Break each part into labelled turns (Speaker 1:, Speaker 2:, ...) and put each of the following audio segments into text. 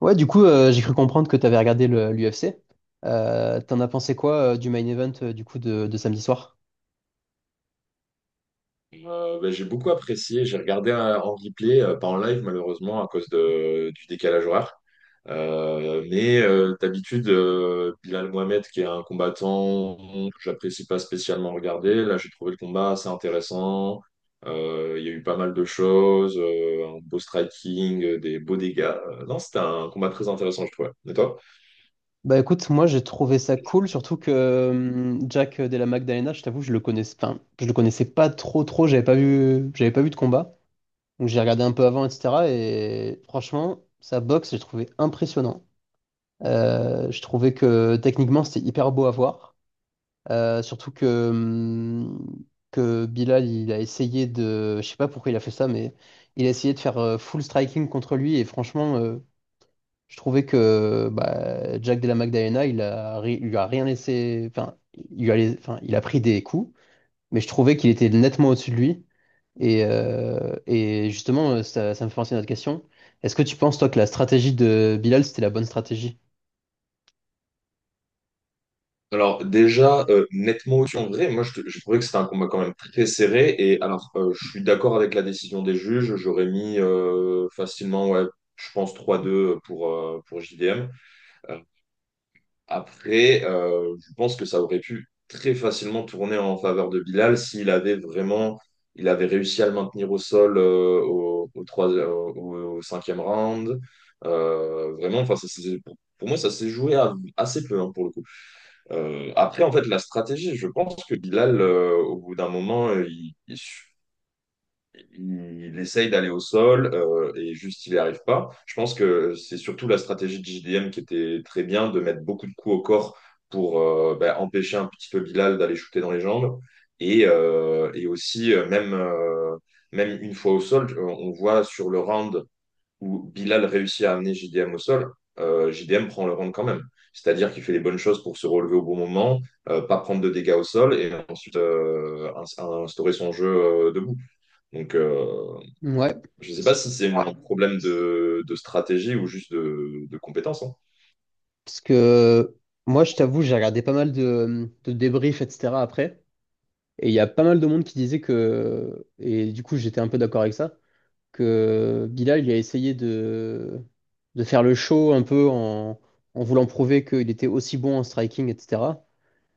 Speaker 1: Ouais, du coup, j'ai cru comprendre que t'avais regardé l'UFC. T'en as pensé quoi du main event du coup de samedi soir?
Speaker 2: J'ai beaucoup apprécié. J'ai regardé en replay, pas en live malheureusement à cause du décalage horaire. D'habitude, Bilal Mohamed, qui est un combattant que j'apprécie pas spécialement regarder, là j'ai trouvé le combat assez intéressant. Il y a eu pas mal de choses, un beau striking, des beaux dégâts. Non, c'était un combat très intéressant, je trouvais. Et toi?
Speaker 1: Bah écoute, moi j'ai trouvé ça cool, surtout que Jack de la Magdalena, je t'avoue, je le connaissais, enfin, je le connaissais pas trop trop, j'avais pas vu de combat, donc j'ai regardé un peu avant, etc. Et franchement, sa boxe, j'ai trouvé impressionnant. Je trouvais que techniquement c'était hyper beau à voir. Surtout que Bilal, il a essayé de. Je sais pas pourquoi il a fait ça, mais il a essayé de faire full striking contre lui. Et franchement, je trouvais que Jack de la Magdalena, il lui a rien laissé. Enfin, il lui a, lais- enfin, il a pris des coups, mais je trouvais qu'il était nettement au-dessus de lui. Et justement, ça me fait penser à notre question. Est-ce que tu penses, toi, que la stratégie de Bilal, c'était la bonne stratégie?
Speaker 2: Alors déjà, nettement au-dessus en vrai, je trouvais que c'était un combat quand même très serré. Et alors, je suis d'accord avec la décision des juges, j'aurais mis facilement, ouais, je pense trois deux pour JDM. Euh, je pense que ça aurait pu très facilement tourner en faveur de Bilal s'il avait vraiment, il avait réussi à le maintenir au sol au, au, trois- au- au- au cinquième round. Vraiment, enfin, pour moi, ça s'est joué assez peu hein, pour le coup. Après, en fait, la stratégie, je pense que Bilal, au bout d'un moment, il essaye d'aller au sol et juste il n'y arrive pas. Je pense que c'est surtout la stratégie de JDM qui était très bien, de mettre beaucoup de coups au corps pour empêcher un petit peu Bilal d'aller shooter dans les jambes. Et aussi, même une fois au sol, on voit sur le round où Bilal réussit à amener JDM au sol, JDM prend le round quand même. C'est-à-dire qu'il fait les bonnes choses pour se relever au bon moment, pas prendre de dégâts au sol et ensuite instaurer son jeu debout. Donc, euh,
Speaker 1: Ouais.
Speaker 2: je ne sais pas si c'est un problème de stratégie ou juste de compétence, hein.
Speaker 1: Parce que moi, je t'avoue, j'ai regardé pas mal de débriefs, etc. après. Et il y a pas mal de monde qui disait que, et du coup, j'étais un peu d'accord avec ça, que Bilal, il a essayé de faire le show un peu en, en voulant prouver qu'il était aussi bon en striking, etc.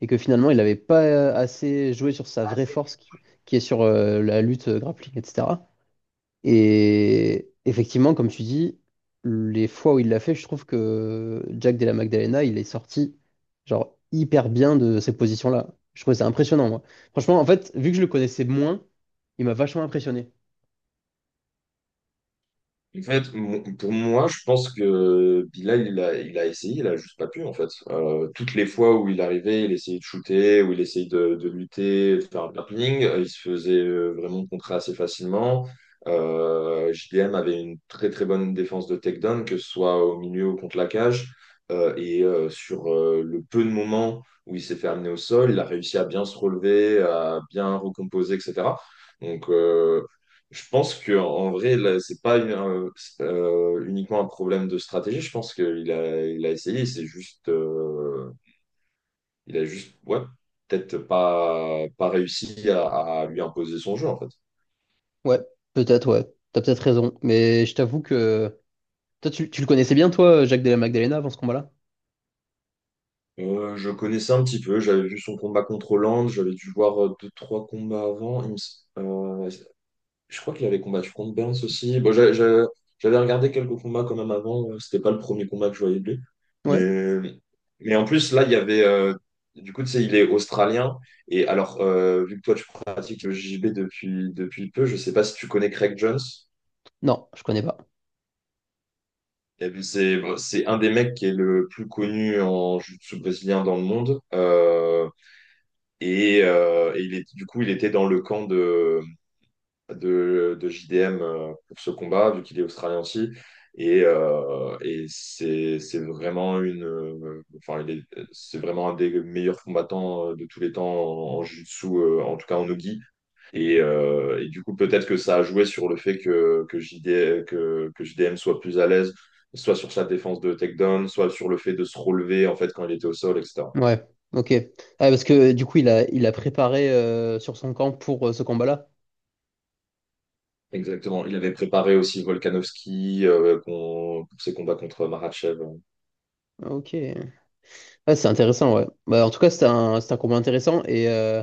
Speaker 1: Et que finalement, il n'avait pas assez joué sur sa vraie force qui est sur la lutte grappling, etc. Et effectivement, comme tu dis, les fois où il l'a fait, je trouve que Jack Della Magdalena, il est sorti genre hyper bien de ces positions-là. Je trouvais ça impressionnant, moi. Franchement, en fait, vu que je le connaissais moins, il m'a vachement impressionné.
Speaker 2: En fait, pour moi, je pense que Bilal, il a essayé, il a juste pas pu, en fait. Toutes les fois où il arrivait, il essayait de shooter, où il essayait de lutter, de faire un grappling, il se faisait vraiment contrer assez facilement. JDM avait une très très bonne défense de takedown, que ce soit au milieu ou contre la cage. Et sur Le peu de moments où il s'est fait amener au sol, il a réussi à bien se relever, à bien recomposer, etc. Donc, euh, je pense que en vrai, là, c'est pas uniquement un problème de stratégie. Je pense qu'il a, il a essayé. C'est juste, ouais, peut-être pas, pas réussi à lui imposer son jeu en fait.
Speaker 1: Ouais, peut-être, ouais. T'as peut-être raison. Mais je t'avoue que. Toi, tu le connaissais bien, toi, Jack Della Magdalena, avant ce combat-là?
Speaker 2: Je connaissais un petit peu. J'avais vu son combat contre Hollande. J'avais dû voir deux, trois combats avant. Je crois qu'il avait combattu contre Burns aussi. Bon, j'avais regardé quelques combats quand même avant. C'était pas le premier combat que je voyais de lui.
Speaker 1: Ouais.
Speaker 2: Mais, mais en plus, là, il y avait. Du coup, tu sais, il est australien. Et alors, vu que toi, tu pratiques le JB depuis, depuis peu, je sais pas si tu connais Craig Jones.
Speaker 1: Non, je connais pas.
Speaker 2: Et puis, c'est bon, c'est un des mecs qui est le plus connu en jiu-jitsu brésilien dans le monde. Et il est, du coup, il était dans le camp de JDM pour ce combat, vu qu'il est australien aussi. Et c'est vraiment une, enfin, c'est vraiment un des meilleurs combattants de tous les temps en, en jiu-jitsu, en tout cas en nogi. Et du coup, peut-être que ça a joué sur le fait que, JDM soit plus à l'aise, soit sur sa défense de takedown, soit sur le fait de se relever en fait quand il était au sol, etc.
Speaker 1: Ouais, ok. Ah, parce que du coup, il a préparé sur son camp pour ce combat-là.
Speaker 2: Exactement. Il avait préparé aussi Volkanovski pour ses combats contre Marachev.
Speaker 1: Ok. Ouais, c'est intéressant, ouais. Bah, en tout cas, c'était un combat intéressant. Et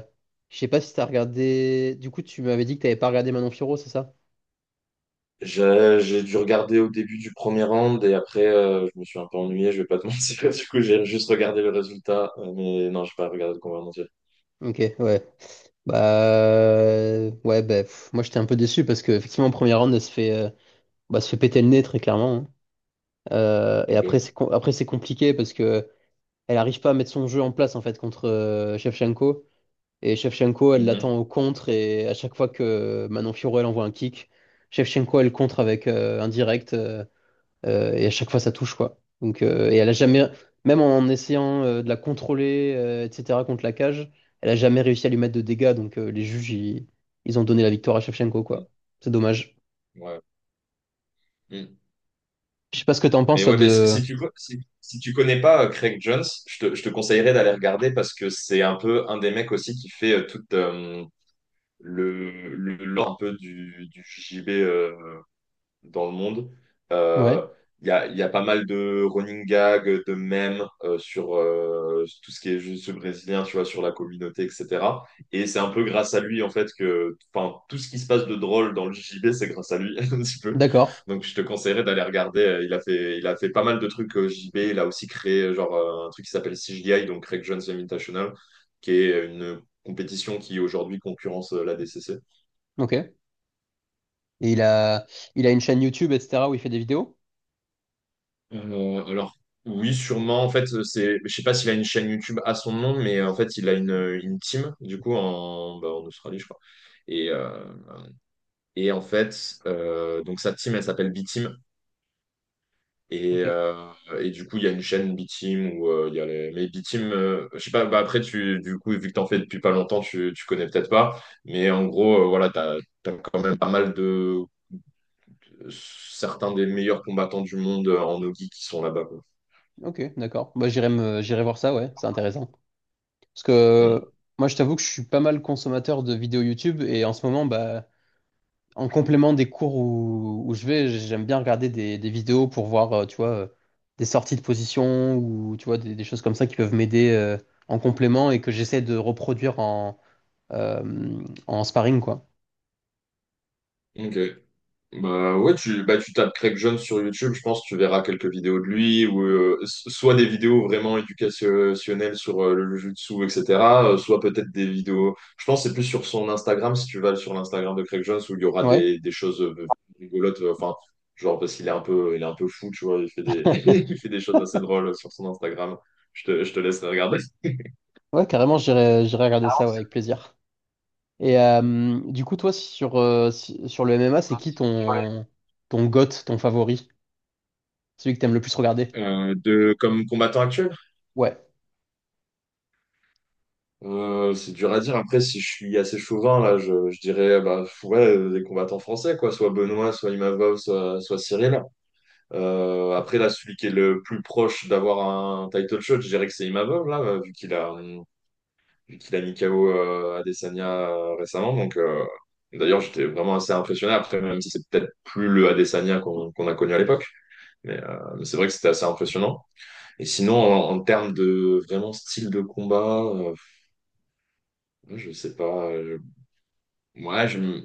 Speaker 1: je sais pas si t'as regardé. Du coup, tu m'avais dit que t'avais pas regardé Manon Fiorot, c'est ça?
Speaker 2: J'ai dû regarder au début du premier round et après je me suis un peu ennuyé, je vais pas te mentir. Du coup, j'ai juste regardé le résultat, mais non, j'ai pas regardé le combat en entier.
Speaker 1: Ok, ouais. Bah, moi, j'étais un peu déçu parce que, effectivement, en premier round, elle se fait, bah, se fait péter le nez, très clairement, hein. Et après,
Speaker 2: Ok.
Speaker 1: après, c'est compliqué parce que elle arrive pas à mettre son jeu en place, en fait, contre Shevchenko. Et Shevchenko, elle
Speaker 2: Mhm.
Speaker 1: l'attend au contre. Et à chaque fois que Manon Fiorot, elle envoie un kick, Shevchenko, elle contre avec un direct. Et à chaque fois, ça touche, quoi. Donc, et elle a jamais, même en essayant de la contrôler, etc., contre la cage, elle a jamais réussi à lui mettre de dégâts. Donc, ils ont donné la victoire à Shevchenko,
Speaker 2: Mhm.
Speaker 1: quoi. C'est dommage.
Speaker 2: Ouais. Mhm.
Speaker 1: Je sais pas ce que t'en penses,
Speaker 2: Mais
Speaker 1: toi,
Speaker 2: ouais, mais si,
Speaker 1: de.
Speaker 2: si si, si tu connais pas Craig Jones, je te conseillerais d'aller regarder parce que c'est un peu un des mecs aussi qui fait toute le lore un peu du J B dans le monde. Euh,
Speaker 1: Ouais,
Speaker 2: Il y a pas mal de running gags, de mèmes sur tout ce qui est juste brésilien, tu vois, sur la communauté, etc. Et c'est un peu grâce à lui, en fait, que enfin, tout ce qui se passe de drôle dans le JJB, c'est grâce à lui, un petit peu.
Speaker 1: d'accord.
Speaker 2: Donc, je te conseillerais d'aller regarder. Il a fait pas mal de trucs au JJB. Il a aussi créé, un truc qui s'appelle CGI, donc Craig Jones Invitational, qui est une compétition qui, aujourd'hui, concurrence la DCC.
Speaker 1: Ok. Et il a, il a une chaîne YouTube, etc., où il fait des vidéos.
Speaker 2: Euh, alors, oui, sûrement. En fait, c'est, je sais pas s'il a une chaîne YouTube à son nom, mais en fait, il a une team, du coup, en, bah, en Australie, je crois. Et, donc sa team, elle s'appelle B-Team. Et,
Speaker 1: Ok,
Speaker 2: euh, et du coup, il y a une chaîne B-Team où il y a les... Mais B-Team, je sais pas, bah après, tu, du coup, vu que t'en fais depuis pas longtemps, tu connais peut-être pas. Mais en gros, voilà, t'as, t'as quand même pas mal de certains des meilleurs combattants du monde en Nogi qui sont là-bas, quoi.
Speaker 1: ok, d'accord. Moi, j'irai voir ça, ouais, c'est intéressant. Parce que
Speaker 2: Mm.
Speaker 1: moi, je t'avoue que je suis pas mal consommateur de vidéos YouTube et en ce moment, bah. En complément des cours où je vais, j'aime bien regarder des vidéos pour voir, tu vois, des sorties de position ou tu vois, des choses comme ça qui peuvent m'aider en complément et que j'essaie de reproduire en, euh, en sparring, quoi.
Speaker 2: Ok. Bah ouais, tu, bah tu tapes Craig Jones sur YouTube, je pense que tu verras quelques vidéos de lui, ou soit des vidéos vraiment éducationnelles sur le jiu-jitsu, etc., soit peut-être des vidéos. Je pense que c'est plus sur son Instagram, si tu vas sur l'Instagram de Craig Jones, où il y aura
Speaker 1: Ouais.
Speaker 2: des choses rigolotes, enfin, genre parce qu'il est un peu, il est un peu fou, tu vois, il fait des, il fait des choses assez drôles sur son Instagram. Je te laisserai regarder.
Speaker 1: Ouais, carrément, j'irai regarder ça, ouais, avec plaisir. Et du coup, toi, sur, sur le MMA, c'est qui ton GOAT, ton favori? Celui que t'aimes le plus regarder?
Speaker 2: Comme combattant actuel,
Speaker 1: Ouais.
Speaker 2: C'est dur à dire. Après, si je suis assez chauvin, là, je dirais bah, ouais, des combattants français, quoi. Soit Benoît, soit Imavov, soit Cyril. Après, là, celui qui est le plus proche d'avoir un title shot, je dirais que c'est Imavov, là, vu qu'il a mis KO Adesanya récemment. Donc, d'ailleurs, j'étais vraiment assez impressionné. Après, même si c'est peut-être plus le Adesanya qu'on a connu à l'époque. Mais c'est vrai que c'était assez impressionnant. Et sinon, en, en termes de vraiment style de combat, je sais pas. Moi, je, m-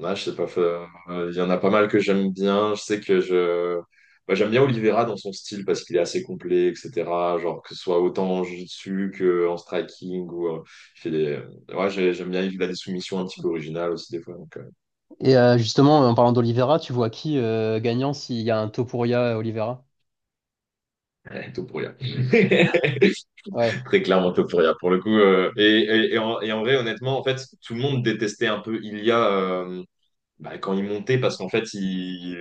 Speaker 2: ouais, je sais pas. Il y en a pas mal que j'aime bien. Je sais que j'aime bien Oliveira dans son style parce qu'il est assez complet, etc. Genre que ce soit autant en jiu-jitsu que en striking ou il fait des. Ouais, j'aime bien. Il a des soumissions un petit peu originales aussi des fois. Donc,
Speaker 1: Et justement, en parlant d'Olivera, tu vois qui gagnant s'il y a un Topuria Olivera?
Speaker 2: tout pour rien.
Speaker 1: Ouais.
Speaker 2: Très clairement top pour le coup. Et en vrai, honnêtement, en fait, tout le monde détestait un peu Ilia. Bah, quand il montait, parce qu'en fait, il,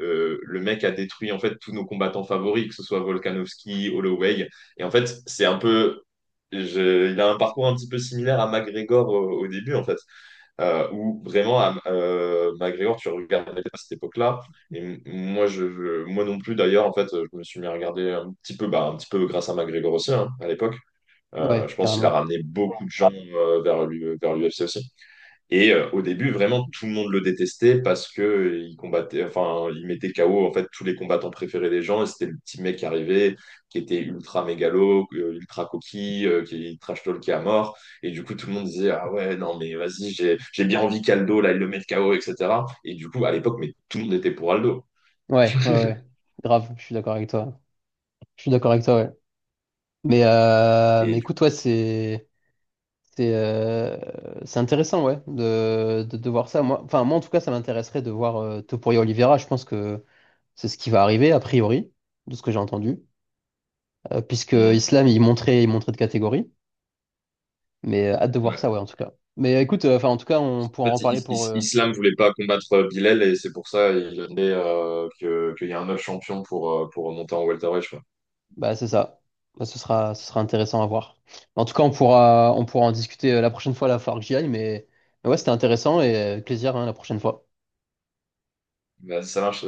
Speaker 2: euh, le mec a détruit en fait tous nos combattants favoris, que ce soit Volkanovski, Holloway. Et en fait, c'est un peu, il a un parcours un petit peu similaire à McGregor au, au début, en fait, McGregor, tu regardais à cette époque-là. Et moi non plus, d'ailleurs, en fait, je me suis mis à regarder un petit peu, bah, un petit peu grâce à McGregor aussi, hein, à l'époque.
Speaker 1: Ouais,
Speaker 2: Je pense qu'il a
Speaker 1: carrément.
Speaker 2: ramené beaucoup de gens vers l'UFC aussi. Et au début, vraiment, tout le monde le détestait parce que il combattait, enfin, il mettait KO en fait tous les combattants préférés des gens. Et c'était le petit mec qui arrivait, qui était ultra mégalo, ultra coquille, qui trash talkait à mort. Et du coup, tout le monde disait ah ouais, non mais vas-y, j'ai bien envie qu'Aldo là, il le mette KO, etc. Et cetera. Et du coup, à l'époque, mais tout le monde était pour Aldo.
Speaker 1: Ouais, ouais, ouais. Grave, je suis d'accord avec toi. Je suis d'accord avec toi, ouais. Mais, euh,
Speaker 2: Et
Speaker 1: mais
Speaker 2: du
Speaker 1: écoute, ouais, c'est intéressant, ouais, de voir ça. Moi, en tout cas, ça m'intéresserait de voir Topuria Oliveira. Je pense que c'est ce qui va arriver, a priori, de ce que j'ai entendu. Puisque
Speaker 2: coup,
Speaker 1: Islam, il montrait de catégorie. Mais hâte de voir
Speaker 2: ouais.
Speaker 1: ça, ouais, en tout cas. En tout cas, on pourra
Speaker 2: En
Speaker 1: en
Speaker 2: fait,
Speaker 1: reparler pour,
Speaker 2: Islam voulait pas combattre Bilal et c'est pour ça il a demandé, que qu'il y a un autre champion pour monter en welterweight.
Speaker 1: Bah, c'est ça. Ce sera intéressant à voir. En tout cas, on pourra en discuter la prochaine fois. Là, il va falloir que j'y aille, mais ouais, c'était intéressant et plaisir hein, la prochaine fois.
Speaker 2: Vas-y, ça marche.